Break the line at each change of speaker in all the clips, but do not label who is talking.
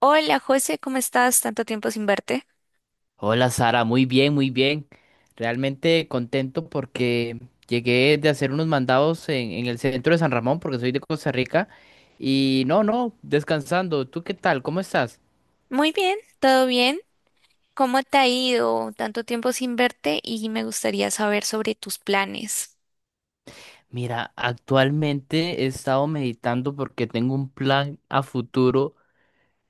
Hola José, ¿cómo estás? Tanto tiempo sin verte.
Hola Sara, muy bien, muy bien. Realmente contento porque llegué de hacer unos mandados en el centro de San Ramón, porque soy de Costa Rica. Y no, no, descansando. ¿Tú qué tal? ¿Cómo estás?
Muy bien, todo bien. ¿Cómo te ha ido? Tanto tiempo sin verte y me gustaría saber sobre tus planes.
Mira, actualmente he estado meditando porque tengo un plan a futuro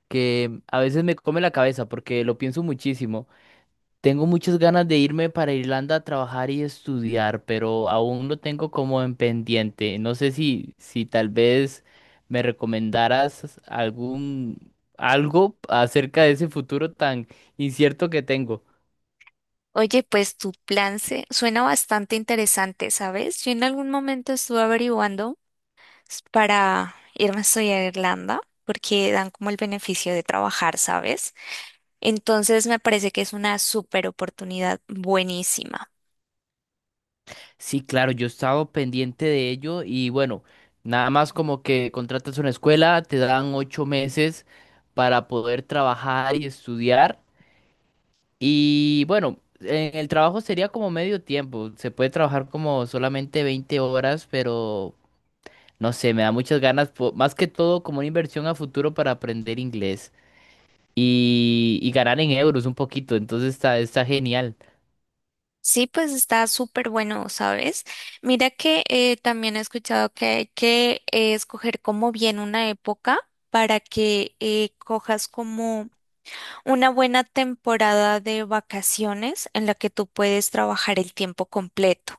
que a veces me come la cabeza porque lo pienso muchísimo. Tengo muchas ganas de irme para Irlanda a trabajar y estudiar, pero aún lo tengo como en pendiente. No sé si tal vez me recomendaras algún algo acerca de ese futuro tan incierto que tengo.
Oye, pues tu plan se suena bastante interesante, ¿sabes? Yo en algún momento estuve averiguando para irme a estudiar a Irlanda porque dan como el beneficio de trabajar, ¿sabes? Entonces me parece que es una súper oportunidad buenísima.
Sí, claro, yo he estado pendiente de ello y bueno, nada más como que contratas una escuela, te dan 8 meses para poder trabajar y estudiar. Y bueno, en el trabajo sería como medio tiempo. Se puede trabajar como solamente 20 horas, pero no sé, me da muchas ganas, más que todo como una inversión a futuro para aprender inglés y ganar en euros un poquito. Entonces está genial.
Sí, pues está súper bueno, ¿sabes? Mira que también he escuchado que hay que escoger como bien una época para que cojas como una buena temporada de vacaciones en la que tú puedes trabajar el tiempo completo.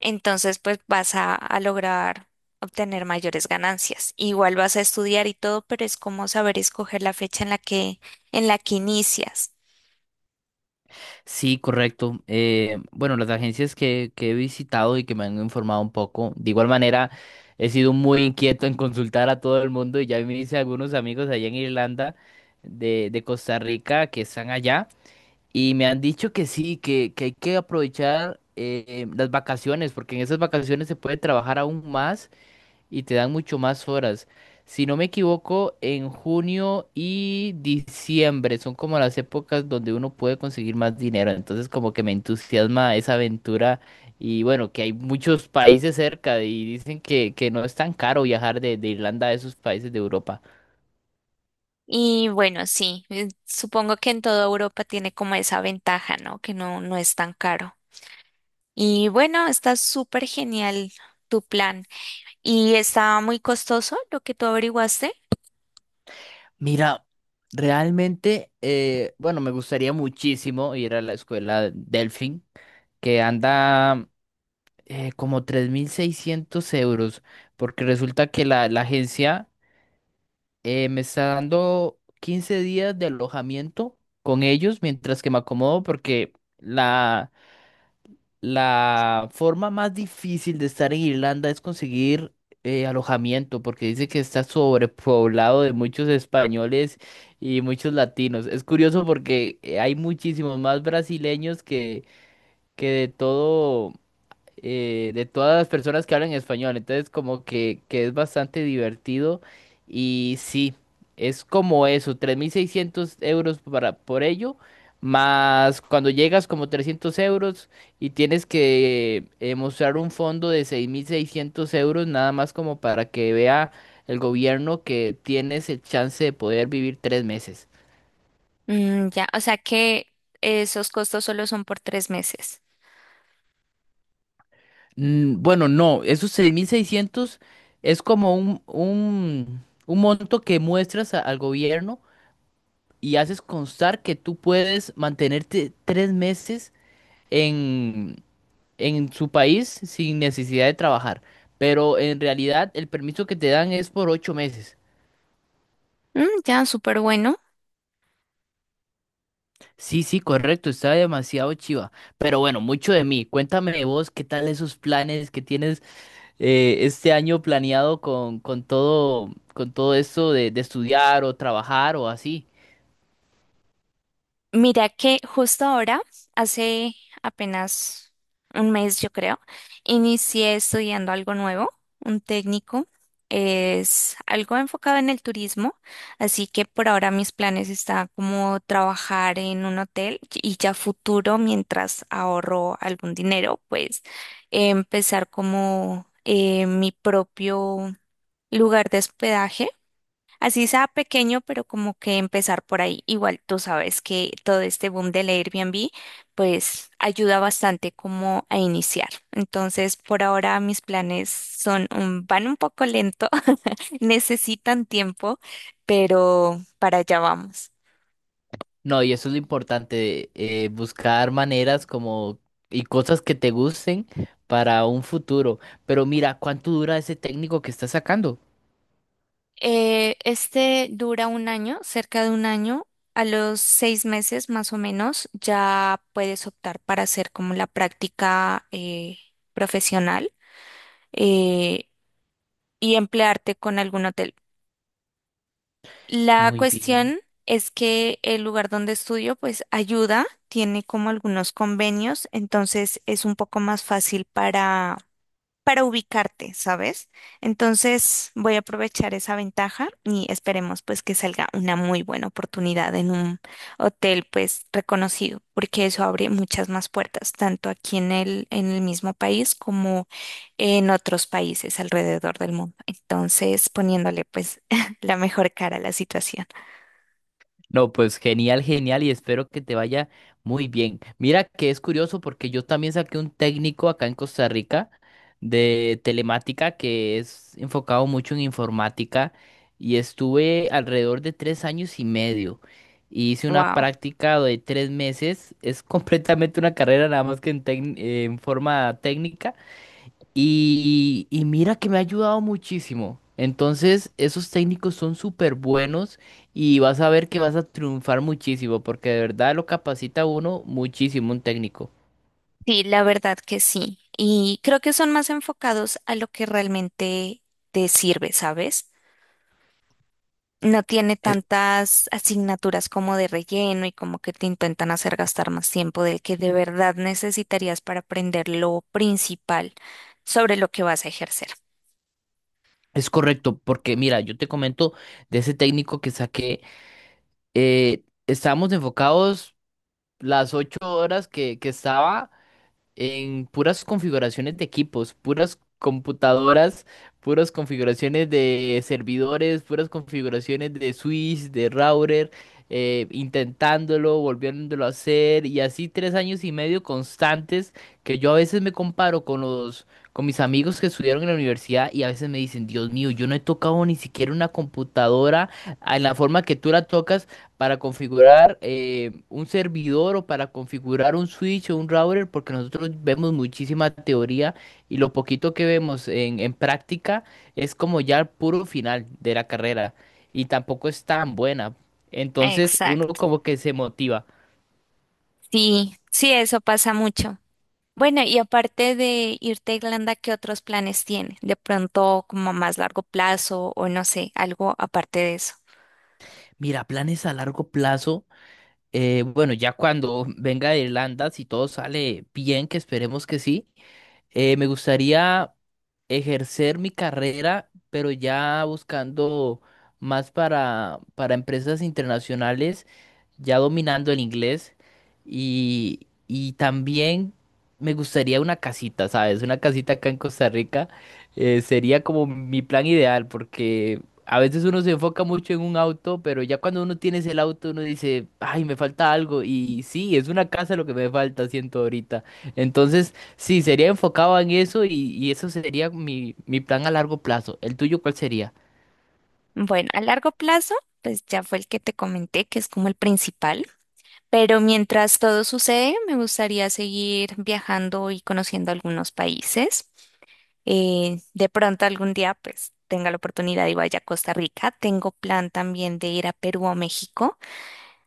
Entonces, pues vas a lograr obtener mayores ganancias. Igual vas a estudiar y todo, pero es como saber escoger la fecha en la que inicias.
Sí, correcto. Bueno, las agencias que he visitado y que me han informado un poco, de igual manera, he sido muy inquieto en consultar a todo el mundo y ya me hice algunos amigos allá en Irlanda de Costa Rica que están allá. Y me han dicho que sí, que hay que aprovechar las vacaciones, porque en esas vacaciones se puede trabajar aún más y te dan mucho más horas. Si no me equivoco, en junio y diciembre son como las épocas donde uno puede conseguir más dinero. Entonces como que me entusiasma esa aventura y bueno, que hay muchos países cerca y dicen que no es tan caro viajar de Irlanda a esos países de Europa.
Y bueno, sí, supongo que en toda Europa tiene como esa ventaja, ¿no? Que no es tan caro. Y bueno, está súper genial tu plan. ¿Y está muy costoso lo que tú averiguaste?
Mira, realmente, bueno, me gustaría muchísimo ir a la escuela Delfin, que anda como 3.600 euros, porque resulta que la agencia me está dando 15 días de alojamiento con ellos mientras que me acomodo, porque la, la forma más difícil de estar en Irlanda es conseguir alojamiento, porque dice que está sobrepoblado de muchos españoles y muchos latinos. Es curioso porque hay muchísimos más brasileños que de todo de todas las personas que hablan español. Entonces, como que es bastante divertido. Y sí, es como eso, 3.600 euros por ello. Más cuando llegas como 300 euros y tienes que mostrar un fondo de 6.600 euros, nada más como para que vea el gobierno que tienes el chance de poder vivir 3 meses.
Ya, o sea que esos costos solo son por tres meses.
Bueno, no, esos 6.600 es como un monto que muestras al gobierno y haces constar que tú puedes mantenerte 3 meses en, en su país sin necesidad de trabajar. Pero en realidad el permiso que te dan es por 8 meses.
Ya, súper bueno.
Sí, sí, correcto, está demasiado chiva. Pero bueno, mucho de mí. Cuéntame vos, ¿qué tal esos planes que tienes este año planeado con todo, con todo esto de estudiar o trabajar o así.
Mira que justo ahora, hace apenas un mes yo creo, inicié estudiando algo nuevo, un técnico. Es algo enfocado en el turismo, así que por ahora mis planes están como trabajar en un hotel y ya futuro, mientras ahorro algún dinero, pues empezar como mi propio lugar de hospedaje. Así sea pequeño, pero como que empezar por ahí. Igual tú sabes que todo este boom del Airbnb, pues ayuda bastante como a iniciar. Entonces, por ahora mis planes son van un poco lento, necesitan tiempo, pero para allá vamos.
No, y eso es lo importante, buscar maneras como y cosas que te gusten para un futuro. Pero mira, ¿cuánto dura ese técnico que estás sacando?
Este dura un año, cerca de un año. A los seis meses más o menos ya puedes optar para hacer como la práctica profesional. Eh, y emplearte con algún hotel. La
Muy bien.
cuestión es que el lugar donde estudio pues ayuda, tiene como algunos convenios, entonces es un poco más fácil para ubicarte, ¿sabes? Entonces voy a aprovechar esa ventaja y esperemos pues que salga una muy buena oportunidad en un hotel pues reconocido, porque eso abre muchas más puertas, tanto aquí en el mismo país como en otros países alrededor del mundo. Entonces poniéndole pues la mejor cara a la situación.
No, pues genial, genial y espero que te vaya muy bien. Mira que es curioso porque yo también saqué un técnico acá en Costa Rica de telemática que es enfocado mucho en informática y estuve alrededor de 3 años y medio. Y hice una
Wow.
práctica de 3 meses, es completamente una carrera nada más que en forma técnica y mira que me ha ayudado muchísimo. Entonces, esos técnicos son súper buenos y vas a ver que vas a triunfar muchísimo, porque de verdad lo capacita a uno muchísimo un técnico.
Sí, la verdad que sí. Y creo que son más enfocados a lo que realmente te sirve, ¿sabes? No tiene
Es,
tantas asignaturas como de relleno y como que te intentan hacer gastar más tiempo del que de verdad necesitarías para aprender lo principal sobre lo que vas a ejercer.
es correcto, porque mira, yo te comento de ese técnico que saqué, estábamos enfocados las 8 horas que estaba. En puras configuraciones de equipos, puras computadoras, puras configuraciones de servidores, puras configuraciones de switch, de router, intentándolo, volviéndolo a hacer, y así 3 años y medio constantes que yo a veces me comparo con con mis amigos que estudiaron en la universidad y a veces me dicen, Dios mío, yo no he tocado ni siquiera una computadora en la forma que tú la tocas para configurar un servidor o para configurar un switch o un router, porque nosotros vemos muchísima teoría y lo poquito que vemos en práctica es como ya el puro final de la carrera y tampoco es tan buena. Entonces uno
Exacto.
como que se motiva.
Sí, sí, eso pasa mucho. Bueno, y aparte de irte a Irlanda, ¿qué otros planes tiene? De pronto, como a más largo plazo o no sé, algo aparte de eso.
Mira, planes a largo plazo. Bueno, ya cuando venga de Irlanda, si todo sale bien, que esperemos que sí, me gustaría ejercer mi carrera, pero ya buscando más para empresas internacionales, ya dominando el inglés. Y también me gustaría una casita, ¿sabes? Una casita acá en Costa Rica sería como mi plan ideal, porque a veces uno se enfoca mucho en un auto, pero ya cuando uno tiene el auto, uno dice, ay, me falta algo. Y sí, es una casa lo que me falta, siento ahorita. Entonces... Sí, sería enfocado en eso y eso sería mi plan a largo plazo. ¿El tuyo cuál sería?
Bueno, a largo plazo, pues ya fue el que te comenté, que es como el principal. Pero mientras todo sucede, me gustaría seguir viajando y conociendo algunos países. De pronto algún día, pues tenga la oportunidad y vaya a Costa Rica. Tengo plan también de ir a Perú o México.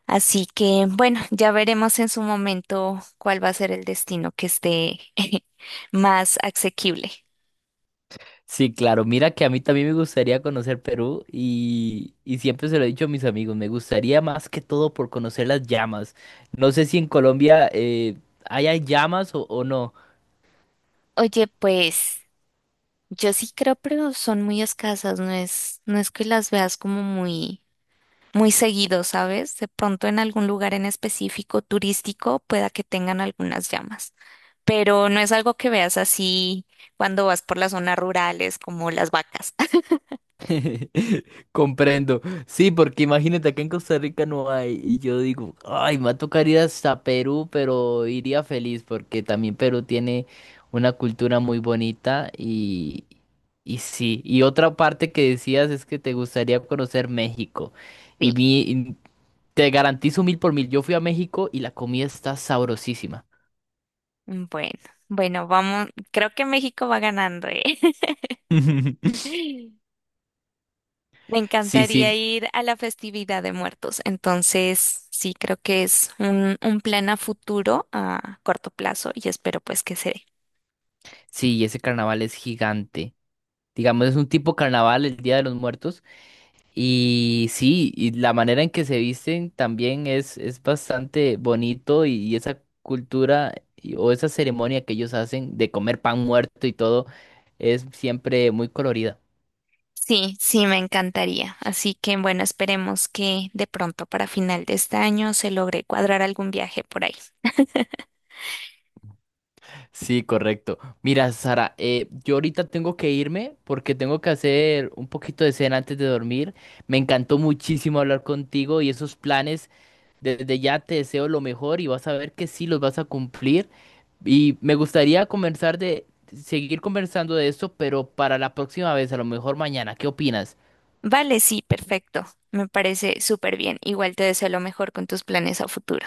Así que, bueno, ya veremos en su momento cuál va a ser el destino que esté más asequible.
Sí, claro, mira que a mí también me gustaría conocer Perú y siempre se lo he dicho a mis amigos, me gustaría más que todo por conocer las llamas. No sé si en Colombia haya llamas o no.
Oye, pues. Yo sí creo, pero son muy escasas, no es que las veas como muy, muy seguido, ¿sabes? De pronto en algún lugar en específico turístico pueda que tengan algunas llamas, pero no es algo que veas así cuando vas por las zonas rurales como las vacas.
Comprendo. Sí, porque imagínate, acá en Costa Rica no hay. Y yo digo, ay, me va a tocar ir hasta Perú, pero iría feliz porque también Perú tiene una cultura muy bonita y sí. Y otra parte que decías es que te gustaría conocer México. Y
Sí.
mi, y te garantizo mil por mil, yo fui a México y la comida está sabrosísima.
Bueno, bueno, vamos, creo que México va ganando, ¿eh? Me
Sí,
encantaría
sí,
ir a la festividad de muertos. Entonces, sí, creo que es un plan a futuro, a corto plazo, y espero pues que se dé.
sí, y ese carnaval es gigante. Digamos, es un tipo carnaval el Día de los Muertos. Y sí, y la manera en que se visten también es bastante bonito y esa cultura o esa ceremonia que ellos hacen de comer pan muerto y todo es siempre muy colorida.
Sí, sí, me encantaría. Así que, bueno, esperemos que de pronto para final de este año se logre cuadrar algún viaje por ahí.
Sí, correcto. Mira, Sara, yo ahorita tengo que irme porque tengo que hacer un poquito de cena antes de dormir. Me encantó muchísimo hablar contigo y esos planes. Desde ya te deseo lo mejor y vas a ver que sí los vas a cumplir. Y me gustaría conversar de seguir conversando de esto, pero para la próxima vez, a lo mejor mañana. ¿Qué opinas?
Vale, sí, perfecto. Me parece súper bien. Igual te deseo lo mejor con tus planes a futuro.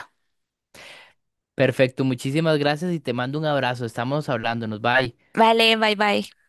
Perfecto, muchísimas gracias y te mando un abrazo. Estamos hablándonos. Bye.
Vale, bye bye.